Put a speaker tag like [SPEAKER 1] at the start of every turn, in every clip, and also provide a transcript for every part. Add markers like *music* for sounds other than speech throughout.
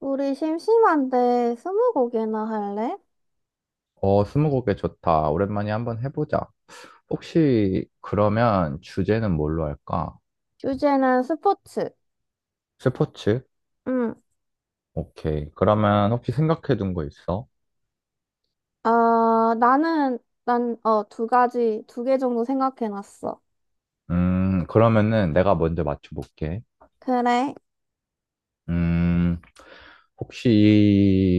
[SPEAKER 1] 우리 심심한데 스무고개나 할래?
[SPEAKER 2] 어, 스무고개 좋다. 오랜만에 한번 해보자. 혹시 그러면 주제는 뭘로 할까?
[SPEAKER 1] 주제는 스포츠.
[SPEAKER 2] 스포츠?
[SPEAKER 1] 응.
[SPEAKER 2] 오케이. 그러면 혹시 생각해둔 거 있어?
[SPEAKER 1] 아, 나는 난 어 두 가지 두 개 정도 생각해놨어.
[SPEAKER 2] 그러면은 내가 먼저 맞춰볼게.
[SPEAKER 1] 그래?
[SPEAKER 2] 음, 혹시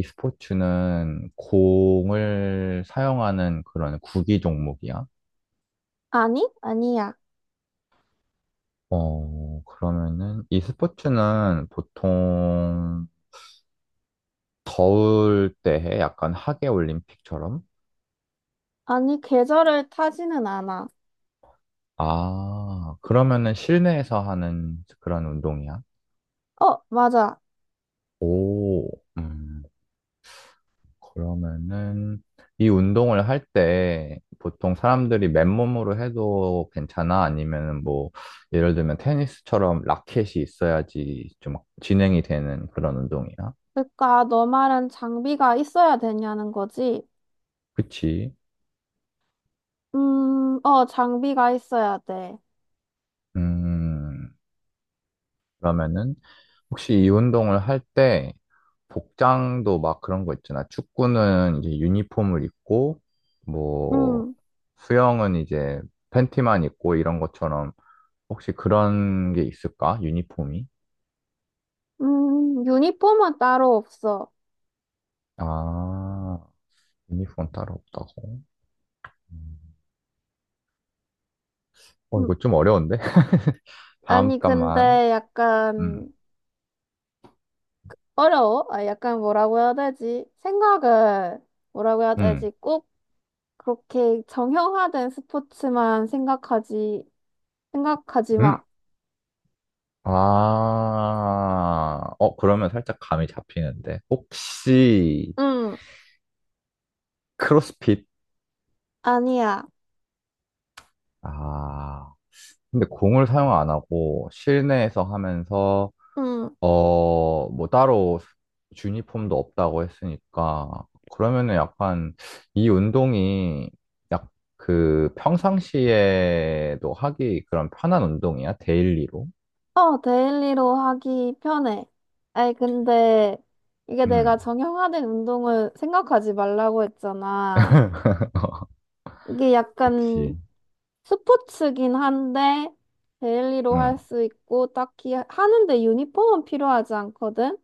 [SPEAKER 2] 이 스포츠는 공을 사용하는 그런 구기 종목이야?
[SPEAKER 1] 아니? 아니야.
[SPEAKER 2] 어, 그러면은 이 스포츠는 보통 더울 때 해? 약간 하계 올림픽처럼?
[SPEAKER 1] 아니 계절을 타지는 않아.
[SPEAKER 2] 아, 그러면은 실내에서 하는 그런 운동이야?
[SPEAKER 1] 어, 맞아.
[SPEAKER 2] 오, 음, 그러면은 이 운동을 할 때 보통 사람들이 맨몸으로 해도 괜찮아? 아니면은 뭐 예를 들면 테니스처럼 라켓이 있어야지 좀 진행이 되는 그런 운동이야?
[SPEAKER 1] 그러니까 너 말은 장비가 있어야 되냐는 거지?
[SPEAKER 2] 그치?
[SPEAKER 1] 장비가 있어야 돼.
[SPEAKER 2] 음, 그러면은 혹시 이 운동을 할 때 복장도 막 그런 거 있잖아. 축구는 이제 유니폼을 입고 뭐
[SPEAKER 1] 음,
[SPEAKER 2] 수영은 이제 팬티만 입고 이런 것처럼 혹시 그런 게 있을까? 유니폼이?
[SPEAKER 1] 유니폼은 따로 없어.
[SPEAKER 2] 아, 유니폼 따로 없다고? 음. 어,
[SPEAKER 1] 음,
[SPEAKER 2] 이거 좀 어려운데? *laughs* 다음
[SPEAKER 1] 아니 근데
[SPEAKER 2] 값만. 음,
[SPEAKER 1] 약간 어려워? 아, 약간 뭐라고 해야 되지? 생각을 뭐라고 해야
[SPEAKER 2] 음,
[SPEAKER 1] 되지? 꼭 그렇게 정형화된 스포츠만 생각하지
[SPEAKER 2] 음.
[SPEAKER 1] 마.
[SPEAKER 2] 아, 어, 그러면 살짝 감이 잡히는데. 혹시
[SPEAKER 1] 응,
[SPEAKER 2] 크로스핏?
[SPEAKER 1] 아니야.
[SPEAKER 2] 아. 근데 공을 사용 안 하고 실내에서 하면서
[SPEAKER 1] 응.
[SPEAKER 2] 어 뭐 따로 유니폼도 없다고 했으니까 그러면은 약간 이 운동이 약 그 평상시에도 하기 그런 편한 운동이야 데일리로
[SPEAKER 1] 어, 데일리로 하기 편해. 아니, 근데 이게
[SPEAKER 2] 음
[SPEAKER 1] 내가 정형화된 운동을 생각하지 말라고 했잖아.
[SPEAKER 2] *laughs*
[SPEAKER 1] 이게 약간
[SPEAKER 2] 그치
[SPEAKER 1] 스포츠긴 한데, 데일리로 할
[SPEAKER 2] 음
[SPEAKER 1] 수 있고, 딱히 하는데 유니폼은 필요하지 않거든?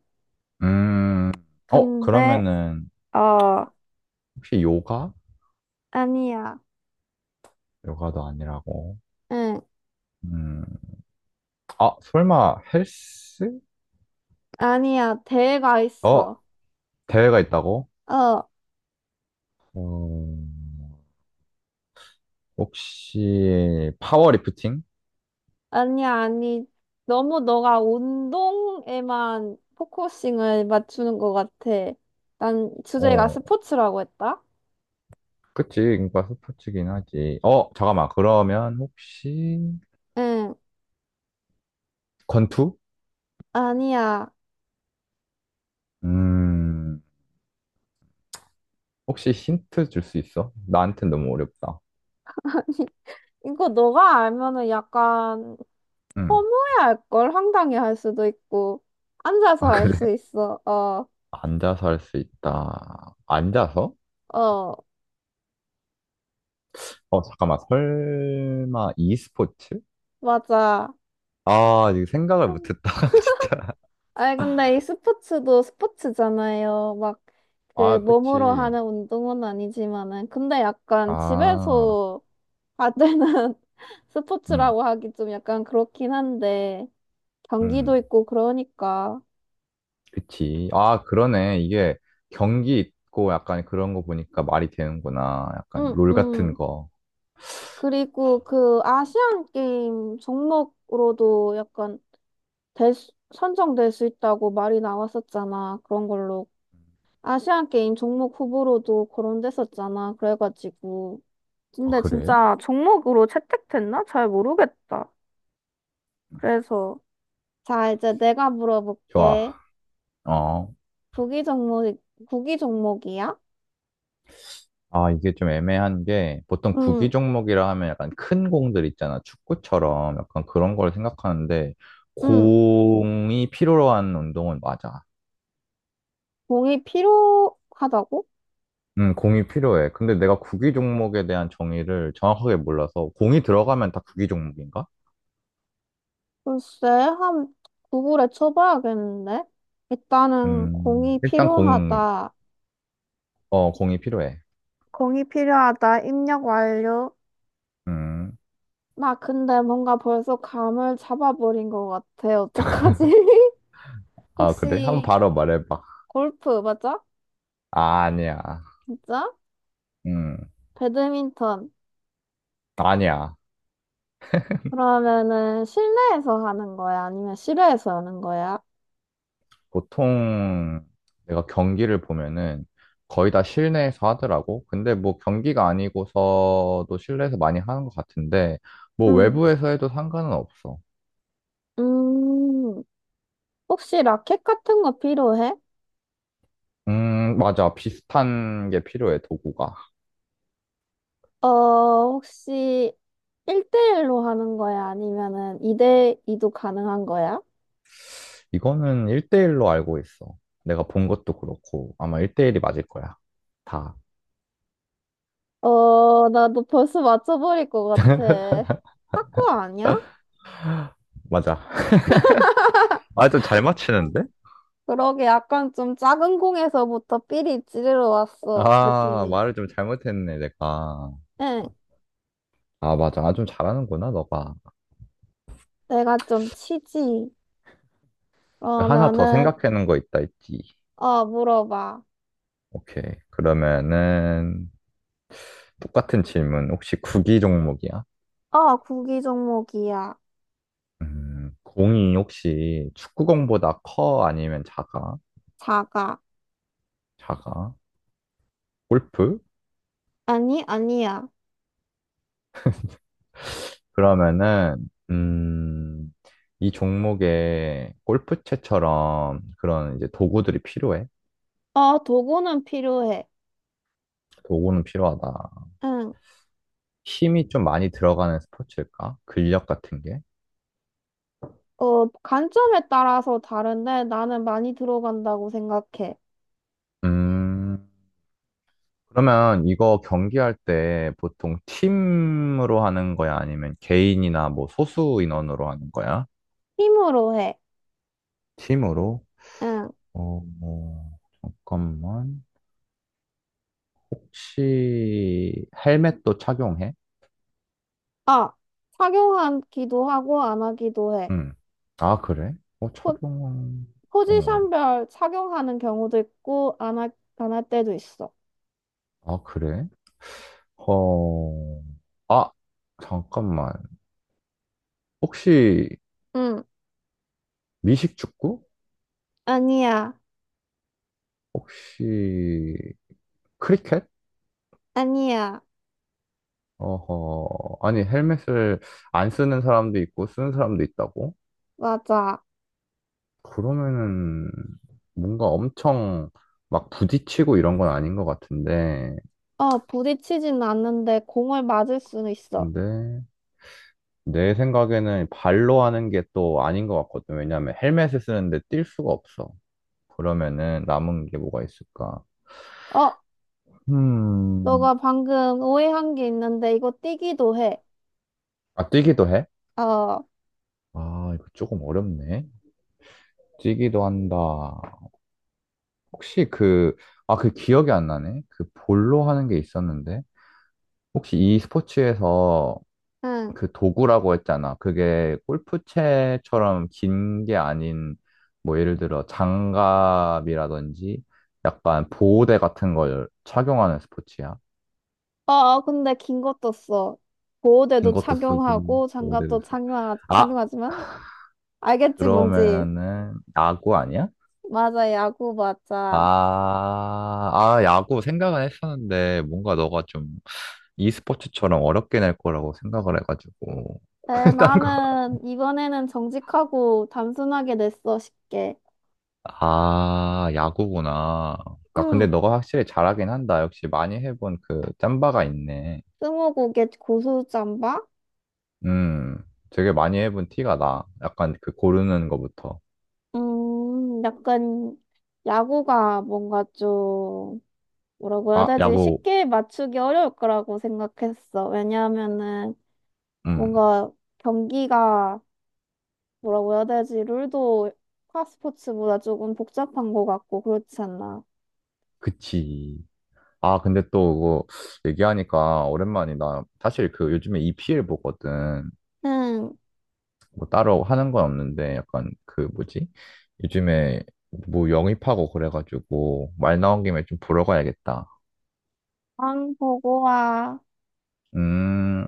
[SPEAKER 2] 음 어
[SPEAKER 1] 근데
[SPEAKER 2] 그러면은
[SPEAKER 1] 어,
[SPEAKER 2] 혹시 요가.
[SPEAKER 1] 아니야.
[SPEAKER 2] 요가도 아니라고?
[SPEAKER 1] 응,
[SPEAKER 2] 음. 아, 설마 헬스?
[SPEAKER 1] 아니야. 대가
[SPEAKER 2] 어,
[SPEAKER 1] 있어.
[SPEAKER 2] 대회가 있다고?
[SPEAKER 1] 어,
[SPEAKER 2] 어, 혹시 파워리프팅?
[SPEAKER 1] 아니야, 아니. 너무 너가 운동에만 포커싱을 맞추는 것 같아. 난 주제가
[SPEAKER 2] 어,
[SPEAKER 1] 스포츠라고 했다?
[SPEAKER 2] 그치. 인과 스포츠긴 하지. 어, 잠깐만. 그러면 혹시
[SPEAKER 1] 응,
[SPEAKER 2] 권투?
[SPEAKER 1] 아니야.
[SPEAKER 2] 음, 혹시 힌트 줄 수 있어? 나한텐 너무 어렵다.
[SPEAKER 1] *laughs* 이거 너가 알면은 약간
[SPEAKER 2] 응.
[SPEAKER 1] 허무해할 걸 황당해할 수도 있고 앉아서
[SPEAKER 2] 아,
[SPEAKER 1] 할
[SPEAKER 2] 그래?
[SPEAKER 1] 수
[SPEAKER 2] *laughs*
[SPEAKER 1] 있어. 어,
[SPEAKER 2] 앉아서 할 수 있다. 앉아서?
[SPEAKER 1] 어,
[SPEAKER 2] 어, 잠깐만. 설마 e스포츠?
[SPEAKER 1] 맞아.
[SPEAKER 2] 아, 이거 생각을 못했다. *laughs* 진짜.
[SPEAKER 1] 아니, 근데 이 스포츠도 스포츠잖아요. 막, 그,
[SPEAKER 2] 아,
[SPEAKER 1] 몸으로
[SPEAKER 2] 그치.
[SPEAKER 1] 하는 운동은 아니지만은. 근데 약간
[SPEAKER 2] 아,
[SPEAKER 1] 집에서 하는 *laughs*
[SPEAKER 2] 응,
[SPEAKER 1] 스포츠라고 하기 좀 약간 그렇긴 한데, 경기도
[SPEAKER 2] 응.
[SPEAKER 1] 있고 그러니까.
[SPEAKER 2] 그치. 아, 그러네. 이게 경기 있고 약간 그런 거 보니까 말이 되는구나. 약간
[SPEAKER 1] 응,
[SPEAKER 2] 롤 같은
[SPEAKER 1] 응.
[SPEAKER 2] 거.
[SPEAKER 1] 그리고 그 아시안 게임 종목으로도 약간 될 수- 선정될 수 있다고 말이 나왔었잖아. 그런 걸로. 아시안 게임 종목 후보로도 거론됐었잖아. 그래가지고.
[SPEAKER 2] 아,
[SPEAKER 1] 근데
[SPEAKER 2] 그래?
[SPEAKER 1] 진짜 종목으로 채택됐나? 잘 모르겠다. 그래서 자, 이제 내가
[SPEAKER 2] 좋아.
[SPEAKER 1] 물어볼게.
[SPEAKER 2] 어.
[SPEAKER 1] 구기 종목, 구기 종목이야?
[SPEAKER 2] 아, 이게 좀 애매한 게 보통 구기
[SPEAKER 1] 응,
[SPEAKER 2] 종목이라 하면 약간 큰 공들 있잖아. 축구처럼 약간 그런 걸 생각하는데
[SPEAKER 1] 응.
[SPEAKER 2] 공이 필요한 운동은 맞아.
[SPEAKER 1] 공이 필요하다고?
[SPEAKER 2] 공이 필요해. 근데 내가 구기 종목에 대한 정의를 정확하게 몰라서 공이 들어가면 다 구기 종목인가?
[SPEAKER 1] 글쎄, 한 구글에 쳐봐야겠는데? 일단은 공이
[SPEAKER 2] 일단 공,
[SPEAKER 1] 필요하다.
[SPEAKER 2] 어, 공이 필요해.
[SPEAKER 1] 공이 필요하다. 입력 완료.
[SPEAKER 2] 음.
[SPEAKER 1] 나 근데 뭔가 벌써 감을 잡아버린 것 같아. 어떡하지? *laughs*
[SPEAKER 2] 아, 그래? 한번
[SPEAKER 1] 혹시
[SPEAKER 2] 바로 말해봐.
[SPEAKER 1] 골프 맞아?
[SPEAKER 2] 아, 아니야.
[SPEAKER 1] 진짜?
[SPEAKER 2] 음,
[SPEAKER 1] 배드민턴.
[SPEAKER 2] 아니야.
[SPEAKER 1] 그러면은 실내에서 하는 거야? 아니면 실외에서 하는 거야?
[SPEAKER 2] 보통 내가 경기를 보면은 거의 다 실내에서 하더라고. 근데 뭐 경기가 아니고서도 실내에서 많이 하는 것 같은데, 뭐
[SPEAKER 1] 응.
[SPEAKER 2] 외부에서 해도 상관은 없어.
[SPEAKER 1] 음, 혹시 라켓 같은 거 필요해?
[SPEAKER 2] 맞아. 비슷한 게 필요해, 도구가.
[SPEAKER 1] 어, 혹시 1대1로 하는 거야? 아니면은 2대2도 가능한 거야?
[SPEAKER 2] 이거는 1대1로 알고 있어. 내가 본 것도 그렇고, 아마 1대1이 맞을 거야. 다.
[SPEAKER 1] 어, 나도 벌써 맞춰버릴 것 같아. 탁구 아니야?
[SPEAKER 2] 맞아. *laughs* 아, 좀 잘 맞히는데?
[SPEAKER 1] 그러게 약간 좀 작은 공에서부터 삐리 찌르러 왔어,
[SPEAKER 2] 아,
[SPEAKER 1] 느낌이.
[SPEAKER 2] 말을 좀 잘못했네, 내가.
[SPEAKER 1] 응,
[SPEAKER 2] 아, 맞아. 아, 좀 잘하는구나, 너가.
[SPEAKER 1] 내가 좀 치지.
[SPEAKER 2] 하나 더
[SPEAKER 1] 그러면은,
[SPEAKER 2] 생각해놓은 거 있다 했지.
[SPEAKER 1] 어, 물어봐.
[SPEAKER 2] 오케이. 그러면은, 똑같은 질문. 혹시 구기 종목이야?
[SPEAKER 1] 아, 국기 종목이야.
[SPEAKER 2] 공이 혹시 축구공보다 커? 아니면 작아?
[SPEAKER 1] 사과.
[SPEAKER 2] 작아? 골프?
[SPEAKER 1] 아니, 아니야.
[SPEAKER 2] 그러면은, 이 종목에 골프채처럼 그런 이제 도구들이 필요해?
[SPEAKER 1] 아, 도구는 필요해.
[SPEAKER 2] 도구는 필요하다.
[SPEAKER 1] 응.
[SPEAKER 2] 힘이 좀 많이 들어가는 스포츠일까? 근력 같은 게?
[SPEAKER 1] 어, 관점에 따라서 다른데 나는 많이 들어간다고 생각해.
[SPEAKER 2] 음, 그러면 이거 경기할 때 보통 팀으로 하는 거야? 아니면 개인이나 뭐 소수 인원으로 하는 거야?
[SPEAKER 1] 힘으로 해.
[SPEAKER 2] 팀으로?
[SPEAKER 1] 응.
[SPEAKER 2] 어, 어, 잠깐만. 혹시 헬멧도 착용해?
[SPEAKER 1] 아, 착용하기도 하고 안 하기도 해.
[SPEAKER 2] 응. 아, 그래? 어, 착
[SPEAKER 1] 포,
[SPEAKER 2] 용 어,
[SPEAKER 1] 포지션별 착용하는 경우도 있고 안 할, 안할 때도 있어.
[SPEAKER 2] 아, 그래? 어, 아, 잠깐만. 혹시
[SPEAKER 1] 응.
[SPEAKER 2] 미식축구?
[SPEAKER 1] 아니야.
[SPEAKER 2] 혹시 크리켓?
[SPEAKER 1] 아니야.
[SPEAKER 2] 어허, 아니, 헬멧을 안 쓰는 사람도 있고, 쓰는 사람도 있다고?
[SPEAKER 1] 맞아.
[SPEAKER 2] 그러면은, 뭔가 엄청 막 부딪히고 이런 건 아닌 것 같은데,
[SPEAKER 1] 어, 부딪히진 않는데 공을 맞을 수는 있어.
[SPEAKER 2] 근데, 내 생각에는 발로 하는 게 또 아닌 것 같거든. 왜냐면 헬멧을 쓰는데 뛸 수가 없어. 그러면은 남은 게 뭐가 있을까?
[SPEAKER 1] 어,
[SPEAKER 2] 음,
[SPEAKER 1] 너가 방금 오해한 게 있는데 이거 띄기도 해.
[SPEAKER 2] 아, 뛰기도 해?
[SPEAKER 1] 어,
[SPEAKER 2] 아, 이거 조금 어렵네. 뛰기도 한다. 혹시 그, 아, 그 기억이 안 나네? 그 볼로 하는 게 있었는데? 혹시 이 스포츠에서
[SPEAKER 1] 응.
[SPEAKER 2] 그 도구라고 했잖아. 그게 골프채처럼 긴 게 아닌, 뭐 예를 들어 장갑이라든지 약간 보호대 같은 걸 착용하는 스포츠야.
[SPEAKER 1] 어, 어, 근데 긴 것도 써.
[SPEAKER 2] 긴
[SPEAKER 1] 보호대도
[SPEAKER 2] 것도 쓰고,
[SPEAKER 1] 착용하고
[SPEAKER 2] 보호대도
[SPEAKER 1] 장갑도
[SPEAKER 2] 쓰고.
[SPEAKER 1] 착용하,
[SPEAKER 2] 아,
[SPEAKER 1] 착용하지만 알겠지 뭔지.
[SPEAKER 2] 그러면은 야구 아니야?
[SPEAKER 1] 맞아, 야구 맞아.
[SPEAKER 2] 아, 아, 야구 생각은 했었는데 뭔가 너가 좀 e스포츠처럼 어렵게 낼 거라고 생각을 해가지고.
[SPEAKER 1] 에,
[SPEAKER 2] *laughs* 딴 거.
[SPEAKER 1] 나는 이번에는 정직하고 단순하게 냈어, 쉽게.
[SPEAKER 2] 아, 야구구나. 아,
[SPEAKER 1] 음,
[SPEAKER 2] 근데 너가 확실히 잘하긴 한다. 역시 많이 해본 그 짬바가 있네.
[SPEAKER 1] 스무고개 고수잠바?
[SPEAKER 2] 음, 되게 많이 해본 티가 나. 약간 그 고르는 거부터.
[SPEAKER 1] 약간 야구가 뭔가 좀 뭐라고 해야
[SPEAKER 2] 아,
[SPEAKER 1] 되지?
[SPEAKER 2] 야구,
[SPEAKER 1] 쉽게 맞추기 어려울 거라고 생각했어. 왜냐하면은
[SPEAKER 2] 음,
[SPEAKER 1] 뭔가 경기가 뭐라고 해야 되지? 룰도 파스포츠보다 조금 복잡한 것 같고 그렇지 않나?
[SPEAKER 2] 그치. 아, 근데 또 그거 얘기하니까 오랜만이다. 사실 그 요즘에 EPL 보거든.
[SPEAKER 1] 응,
[SPEAKER 2] 뭐 따로 하는 건 없는데 약간 그 뭐지? 요즘에 뭐 영입하고 그래가지고 말 나온 김에 좀 보러 가야겠다.
[SPEAKER 1] 왕 보고 와.
[SPEAKER 2] 음.